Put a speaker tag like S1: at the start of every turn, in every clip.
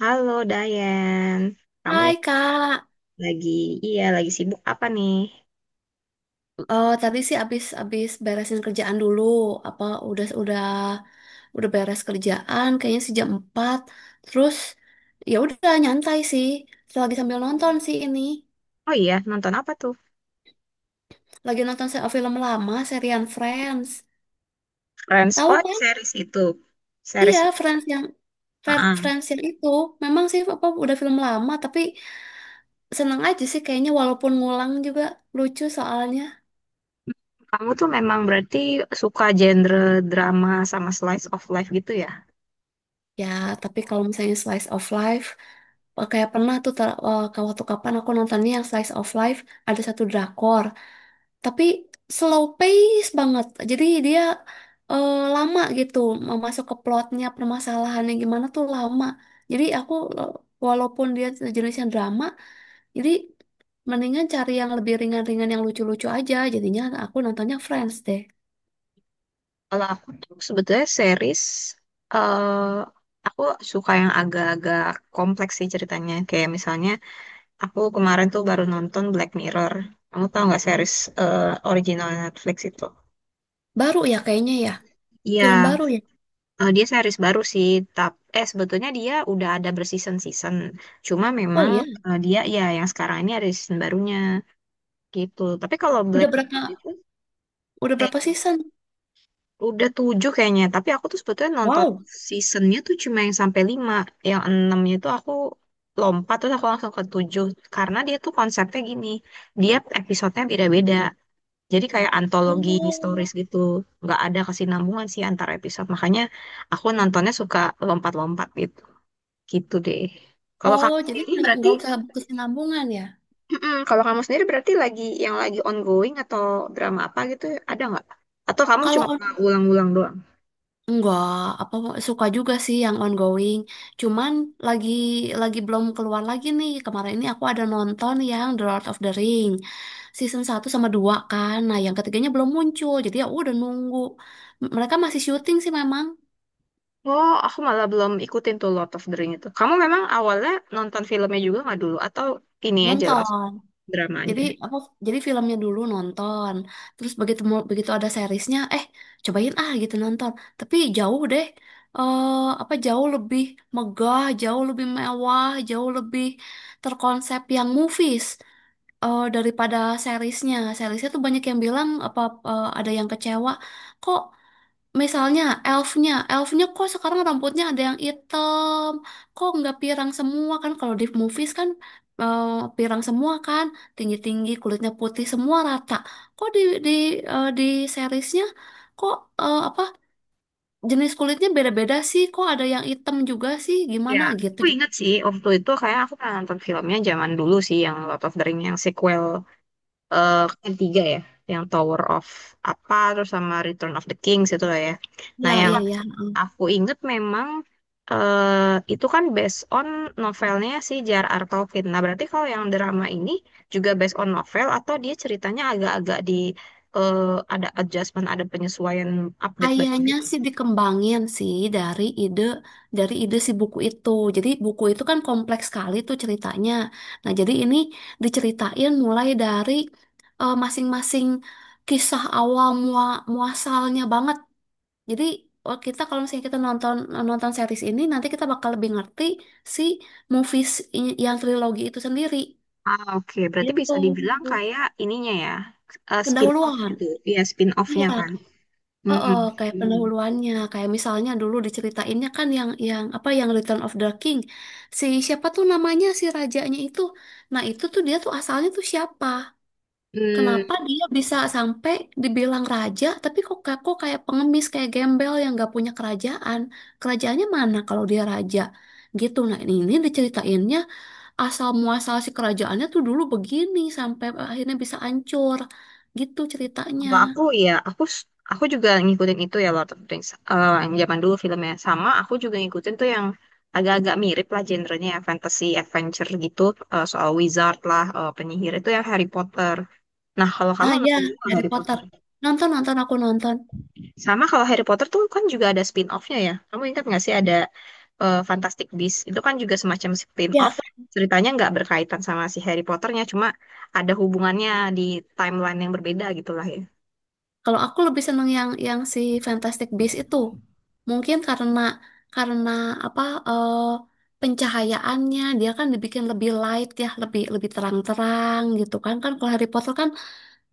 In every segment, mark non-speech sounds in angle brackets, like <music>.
S1: Halo Dayan, kamu
S2: Hai Kak.
S1: lagi, iya, lagi sibuk apa nih?
S2: Tadi sih abis abis beresin kerjaan dulu, apa udah udah udah beres kerjaan, kayaknya sih jam 4. Terus ya udah nyantai sih, lagi sambil nonton sih ini,
S1: Oh iya, nonton apa tuh?
S2: lagi nonton film lama, serian Friends.
S1: Friends,
S2: Tahu
S1: oh
S2: kan?
S1: series itu, series.
S2: Iya,
S1: Ah,
S2: Friends yang itu, memang sih apa udah film lama, tapi seneng aja sih kayaknya walaupun ngulang juga lucu soalnya.
S1: kamu tuh memang berarti suka genre drama sama slice of life gitu ya?
S2: Ya, tapi kalau misalnya slice of life, kayak pernah tuh waktu kapan aku nontonnya yang slice of life, ada satu drakor, tapi slow pace banget. Jadi dia lama gitu mau masuk ke plotnya, permasalahannya gimana tuh lama. Jadi aku eh, walaupun dia jenisnya drama, jadi mendingan cari yang lebih ringan-ringan yang lucu-lucu aja. Jadinya aku nontonnya Friends deh.
S1: Kalau aku tuh sebetulnya series, eh aku suka yang agak-agak kompleks sih ceritanya. Kayak misalnya aku kemarin tuh baru nonton Black Mirror. Kamu tau nggak series eh, original Netflix itu?
S2: Baru ya kayaknya ya, film
S1: Iya.
S2: baru ya.
S1: Dia series baru sih, tap eh sebetulnya dia udah ada berseason-season. Cuma
S2: Oh
S1: memang
S2: iya,
S1: dia ya yang sekarang ini ada season barunya gitu. Tapi kalau
S2: udah
S1: Black
S2: berapa
S1: Mirror itu
S2: udah berapa
S1: eh
S2: season?
S1: udah tujuh kayaknya. Tapi aku tuh sebetulnya nonton
S2: Wow.
S1: seasonnya tuh cuma yang sampai lima, yang enamnya itu aku lompat terus aku langsung ke tujuh karena dia tuh konsepnya gini, dia episodenya beda-beda. Jadi kayak antologi historis
S2: Oh,
S1: gitu, nggak ada kesinambungan sih antar episode. Makanya aku nontonnya suka lompat-lompat gitu. Gitu deh. Kalau
S2: oh,
S1: kamu
S2: jadi
S1: sendiri
S2: nggak
S1: berarti,
S2: nggak usah berkesinambungan ya?
S1: mm-mm, kalau kamu sendiri berarti lagi yang lagi ongoing atau drama apa gitu ada nggak? Atau kamu
S2: Kalau
S1: cuma
S2: on
S1: ulang-ulang doang?
S2: Enggak, apa suka juga sih yang ongoing. Cuman lagi lagi belum keluar lagi nih. Kemarin ini aku ada nonton yang The Lord of the Ring season 1 sama 2 kan. Nah, yang ketiganya belum muncul. Jadi ya udah nunggu. Mereka masih syuting sih memang.
S1: Oh, aku malah belum ikutin tuh Lord of the Ring itu. Kamu memang awalnya nonton filmnya juga nggak dulu? Atau ini aja langsung
S2: Nonton.
S1: drama
S2: Jadi
S1: aja?
S2: apa? Jadi filmnya dulu nonton, terus begitu ada seriesnya, cobain ah gitu nonton. Tapi jauh deh, eh apa jauh lebih megah, jauh lebih mewah, jauh lebih terkonsep yang movies, daripada seriesnya. Seriesnya tuh banyak yang bilang apa, ada yang kecewa, kok. Misalnya elfnya kok sekarang rambutnya ada yang hitam, kok nggak pirang semua kan? Kalau di movies kan, eh, pirang semua kan, tinggi-tinggi kulitnya putih semua rata. Kok di di seriesnya, kok apa jenis kulitnya beda-beda sih? Kok ada yang hitam juga sih?
S1: Ya,
S2: Gimana gitu?
S1: aku inget sih waktu itu kayak aku pernah nonton filmnya zaman dulu sih yang Lord of the Ring yang sequel ketiga ya, yang Tower of apa terus sama Return of the Kings itu lah ya. Nah,
S2: Ya,
S1: yang
S2: iya, iya.
S1: aku inget memang itu kan based on novelnya si J.R.R. Tolkien. Nah, berarti kalau yang drama ini juga based on novel atau dia ceritanya agak-agak di eh, ada adjustment, ada penyesuaian, update baru
S2: Kayaknya
S1: gitu.
S2: sih dikembangin sih dari ide si buku itu. Jadi buku itu kan kompleks sekali tuh ceritanya. Nah, jadi ini diceritain mulai dari, masing-masing kisah awal muasalnya banget. Jadi oh, kalau misalnya kita nonton nonton series ini nanti kita bakal lebih ngerti si movies, yang trilogi itu sendiri.
S1: Ah, oke. Berarti bisa
S2: Itu
S1: dibilang kayak ininya ya, spin-off
S2: pendahuluan.
S1: gitu. Iya,
S2: Iya.
S1: spin-off-nya kan.
S2: Oh,
S1: Hmm.
S2: oh, kayak pendahuluannya, kayak misalnya dulu diceritainnya kan yang apa yang Return of the King. Siapa tuh namanya si rajanya itu. Nah, itu tuh dia tuh asalnya tuh siapa?
S1: Hmm.
S2: Kenapa dia bisa sampai dibilang raja tapi kok kok kayak pengemis, kayak gembel yang gak punya kerajaan. Kerajaannya mana kalau dia raja? Gitu. Nah, ini diceritainnya asal muasal si kerajaannya tuh dulu begini sampai akhirnya bisa hancur. Gitu ceritanya.
S1: Kalau aku ya, aku juga ngikutin itu ya Lord of the Rings. Eh, yang zaman dulu filmnya sama, aku juga ngikutin tuh yang agak-agak mirip lah genrenya ya, fantasy adventure gitu, soal wizard lah, penyihir itu yang Harry Potter. Nah, kalau kamu
S2: Ah ya,
S1: nonton juga
S2: Harry
S1: Harry
S2: Potter.
S1: Potter.
S2: Nonton, nonton, aku nonton.
S1: Sama kalau Harry Potter tuh kan juga ada spin-off-nya ya. Kamu ingat nggak sih ada Fantastic Beasts? Itu kan juga semacam spin-off.
S2: Ya,
S1: Ceritanya nggak berkaitan sama si Harry Potternya, cuma ada hubungannya di timeline yang berbeda gitu lah ya.
S2: kalau aku lebih seneng yang si Fantastic Beasts itu. Mungkin karena apa, eh, pencahayaannya dia kan dibikin lebih light ya, lebih lebih terang-terang gitu kan. Kan kalau Harry Potter kan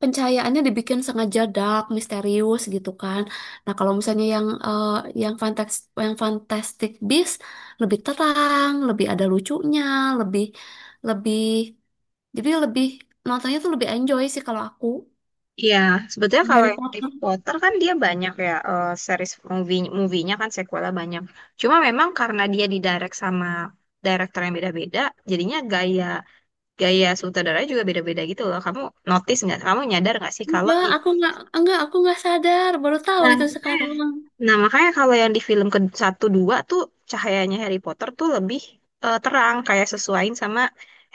S2: pencahayaannya dibikin sengaja dark, misterius gitu kan. Nah, kalau misalnya yang Fantastic Beasts lebih terang, lebih ada lucunya, lebih lebih jadi lebih nontonnya tuh lebih enjoy sih kalau aku.
S1: Iya, sebetulnya kalau
S2: Harry
S1: yang Harry
S2: Potter.
S1: Potter kan dia banyak ya, series movie movie-nya kan sequelnya banyak. Cuma memang karena dia didirect sama director yang beda-beda, jadinya gaya gaya sutradaranya juga beda-beda gitu loh. Kamu notice nggak? Kamu nyadar nggak sih kalau
S2: Enggak,
S1: di...
S2: aku nggak sadar, baru tahu
S1: Nah,
S2: itu
S1: eh,
S2: sekarang.
S1: nah, makanya kalau yang di film ke satu dua tuh cahayanya Harry Potter tuh lebih terang kayak sesuaiin sama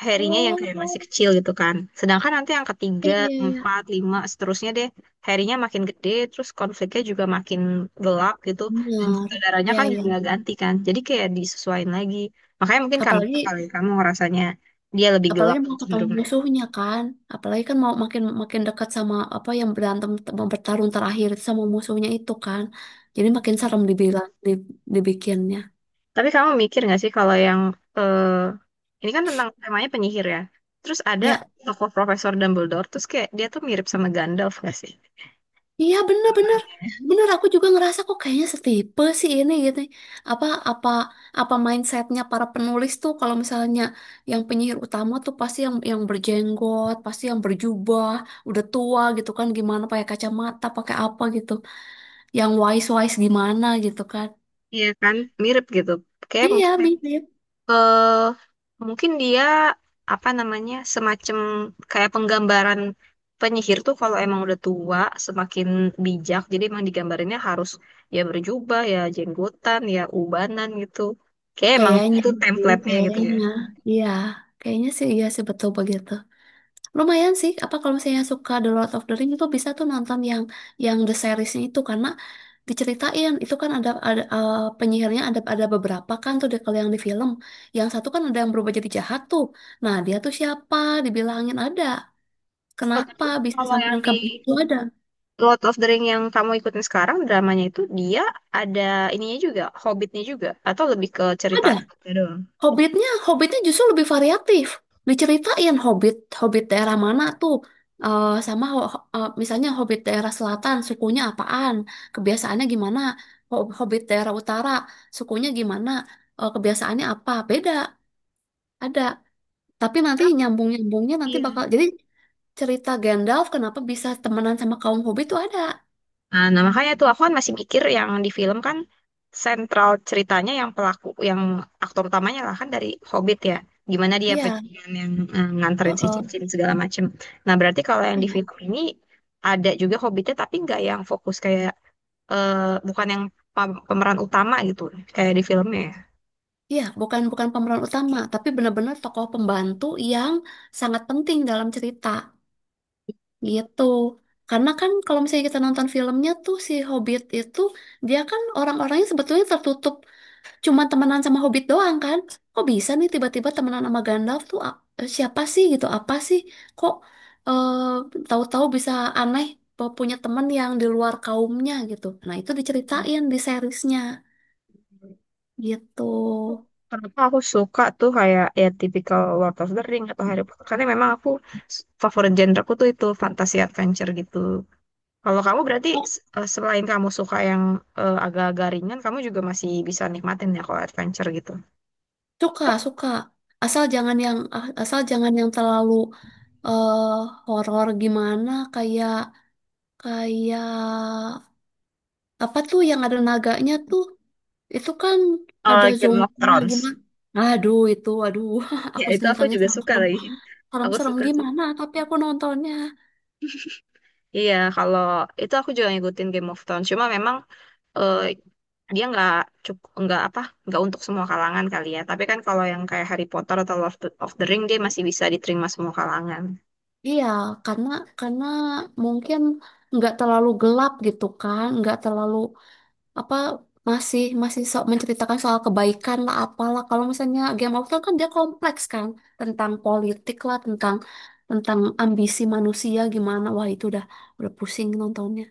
S1: Harry-nya yang kayak masih
S2: Oh.
S1: kecil gitu kan. Sedangkan nanti yang ketiga,
S2: Iya, iya, iya.
S1: empat, lima, seterusnya deh Harry-nya makin gede, terus konfliknya juga makin gelap gitu. Dan
S2: Benar.
S1: saudaranya
S2: Iya,
S1: kan
S2: iya.
S1: juga
S2: Iya.
S1: ganti kan. Jadi kayak disesuaiin lagi. Makanya mungkin karena itu kali
S2: Apalagi
S1: ya, kamu ngerasanya dia lebih gelap
S2: apalagi mau ketemu
S1: cenderung.
S2: musuhnya kan. Apalagi kan mau makin makin dekat sama apa yang berantem mau bertarung terakhir sama musuhnya itu kan. Jadi makin serem dibilang, dibikinnya.
S1: Tapi kamu mikir nggak sih kalau yang eh, ini kan tentang temanya penyihir ya. Terus ada
S2: Ya,
S1: tokoh Profesor Dumbledore, terus kayak dia tuh mirip sama Gandalf nggak sih?
S2: iya, bener-bener, aku juga ngerasa kok kayaknya setipe sih ini gitu, apa apa apa mindsetnya para penulis tuh kalau misalnya yang penyihir utama tuh pasti yang berjenggot, pasti yang berjubah, udah tua gitu kan, gimana pakai kacamata pakai apa gitu, yang wise wise gimana gitu kan.
S1: Iya kan, mirip gitu. Kayak mungkin
S2: Iya mirip.
S1: eh mungkin dia apa namanya semacam kayak penggambaran penyihir tuh kalau emang udah tua semakin bijak. Jadi emang digambarinnya harus ya berjubah, ya jenggotan, ya ubanan gitu. Kayak emang
S2: kayaknya
S1: itu
S2: sih
S1: template-nya gitu ya.
S2: kayaknya iya, kayaknya sih iya sih, betul begitu. Lumayan sih, apa kalau misalnya suka The Lord of the Rings itu bisa tuh nonton yang the seriesnya itu, karena diceritain itu kan penyihirnya ada beberapa kan tuh deh kalau yang di film. Yang satu kan ada yang berubah jadi jahat tuh. Nah, dia tuh siapa? Dibilangin ada.
S1: Oh, tapi
S2: Kenapa bisa
S1: kalau
S2: sampai
S1: yang
S2: ke
S1: di
S2: itu ada?
S1: Lord of the Ring yang kamu ikutin sekarang dramanya itu dia ada ininya juga, Hobbitnya juga atau lebih ke
S2: Ada.
S1: cerita ya doang.
S2: Hobbitnya justru lebih variatif. Diceritain Hobbit, Hobbit daerah mana tuh. Sama misalnya Hobbit daerah selatan, sukunya apaan, kebiasaannya gimana. Hobbit daerah utara, sukunya gimana, kebiasaannya apa. Beda, ada. Tapi nanti
S1: Ah,
S2: nyambung-nyambungnya nanti
S1: iya.
S2: bakal, jadi cerita Gandalf kenapa bisa temenan sama kaum Hobbit tuh ada.
S1: Nah, nah, makanya tuh aku kan masih mikir yang di film kan sentral ceritanya yang pelaku yang aktor utamanya lah kan dari Hobbit ya. Gimana dia
S2: Iya,
S1: perjalanan yang nganterin si
S2: heeh.
S1: cincin segala macem. Nah, berarti kalau yang di film
S2: Iya,
S1: ini ada juga Hobbitnya tapi nggak yang fokus kayak eh, bukan yang pemeran utama gitu kayak di filmnya
S2: Iya, bukan bukan pemeran utama, tapi benar-benar tokoh pembantu yang sangat penting dalam cerita. Gitu. Karena kan kalau misalnya kita nonton filmnya tuh si Hobbit itu, dia kan orang-orangnya sebetulnya tertutup, cuman temenan sama Hobbit doang kan. Kok bisa nih tiba-tiba temenan sama Gandalf tuh, siapa sih gitu? Apa sih? Kok tahu-tahu bisa aneh, punya temen yang di luar kaumnya gitu. Nah, itu
S1: ya.
S2: diceritain di seriesnya gitu.
S1: Kenapa aku suka tuh kayak ya tipikal Lord of the Ring atau Harry Potter karena memang aku favorit genreku tuh itu fantasy adventure gitu. Kalau kamu berarti
S2: Oh.
S1: selain kamu suka yang agak-agak ringan, kamu juga masih bisa nikmatin ya kalau adventure gitu.
S2: Suka, suka. Asal jangan yang terlalu eh horor gimana, kayak. Kayak apa tuh yang ada naganya tuh? Itu kan ada
S1: Eh, Game of
S2: zombinya
S1: Thrones.
S2: gimana? Aduh itu, aduh, <laughs>
S1: Ya
S2: aku
S1: itu aku
S2: nontonnya
S1: juga suka
S2: serem-serem,
S1: lagi. <laughs> Aku
S2: serem-serem
S1: suka tuh.
S2: gimana? Tapi aku nontonnya,
S1: Iya, kalau itu aku juga ngikutin Game of Thrones. Cuma memang eh, dia nggak cukup, nggak apa, nggak untuk semua kalangan kali ya, tapi kan kalau yang kayak Harry Potter atau Lord of the Ring dia masih bisa diterima semua kalangan.
S2: iya, karena karena mungkin nggak terlalu gelap gitu kan, nggak terlalu apa masih masih so, menceritakan soal kebaikan lah apalah. Kalau misalnya Game of Thrones kan dia kompleks kan, tentang politik lah, tentang tentang ambisi manusia gimana? Wah itu udah pusing nontonnya.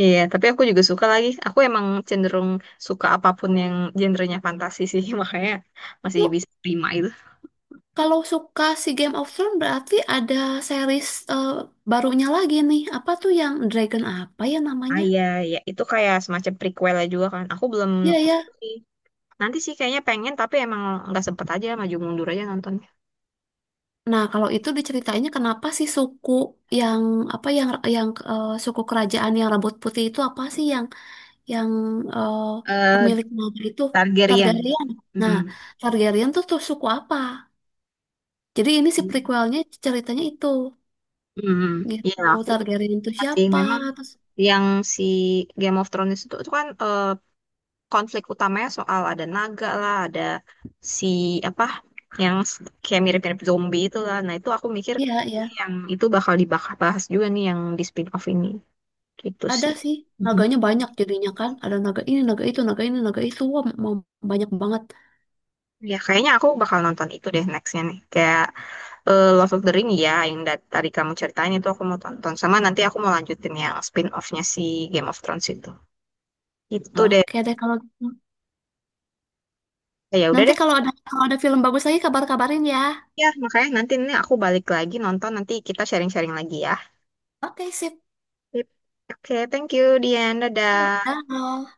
S1: Iya tapi aku juga suka lagi, aku emang cenderung suka apapun yang genrenya fantasi sih, <laughs> makanya masih
S2: Lu
S1: bisa terima itu.
S2: kalau suka si Game of Thrones berarti ada series, eh, barunya lagi nih. Apa tuh yang Dragon apa ya
S1: Ah
S2: namanya?
S1: iya, ya itu kayak semacam prequelnya juga kan. Aku belum,
S2: Iya ya.
S1: nanti sih kayaknya pengen tapi emang nggak sempet aja, maju mundur aja nontonnya.
S2: Nah, kalau itu diceritainnya kenapa sih suku yang apa suku kerajaan yang rambut putih itu apa sih yang eh,
S1: eh
S2: pemilik nama itu
S1: Targaryen.
S2: Targaryen. Nah,
S1: Mm-mm.
S2: Targaryen tuh tuh suku apa? Jadi ini si prequelnya ceritanya itu
S1: Mm-mm. Ya
S2: gitu.
S1: aku
S2: Targaryen itu
S1: ingat sih
S2: siapa?
S1: memang
S2: Terus
S1: yang si Game of Thrones itu kan konflik utamanya soal ada naga lah, ada si apa yang kayak mirip-mirip zombie itu lah. Nah, itu aku mikir
S2: iya ya.
S1: ini yang itu bakal dibahas juga nih yang di spin-off ini. Gitu
S2: Ada
S1: sih.
S2: sih,
S1: Mm-mm.
S2: naganya banyak jadinya kan. Ada naga ini, naga itu, naga ini, naga itu. Wah, mau banyak banget.
S1: Ya, kayaknya aku bakal nonton itu deh nextnya nih. Kayak Love of the Ring ya, yang tadi kamu ceritain itu aku mau tonton. Sama nanti aku mau lanjutin yang spin-off-nya si Game of Thrones itu. Itu deh.
S2: Oke deh kalau gitu.
S1: Ya udah
S2: Nanti
S1: deh.
S2: kalau ada film bagus lagi, kabar-kabarin ya.
S1: Ya, makanya nanti ini aku balik lagi nonton, nanti kita sharing-sharing lagi ya.
S2: Oke, sip.
S1: Yep. Oke, thank you, Dian. Dadah.
S2: Dah.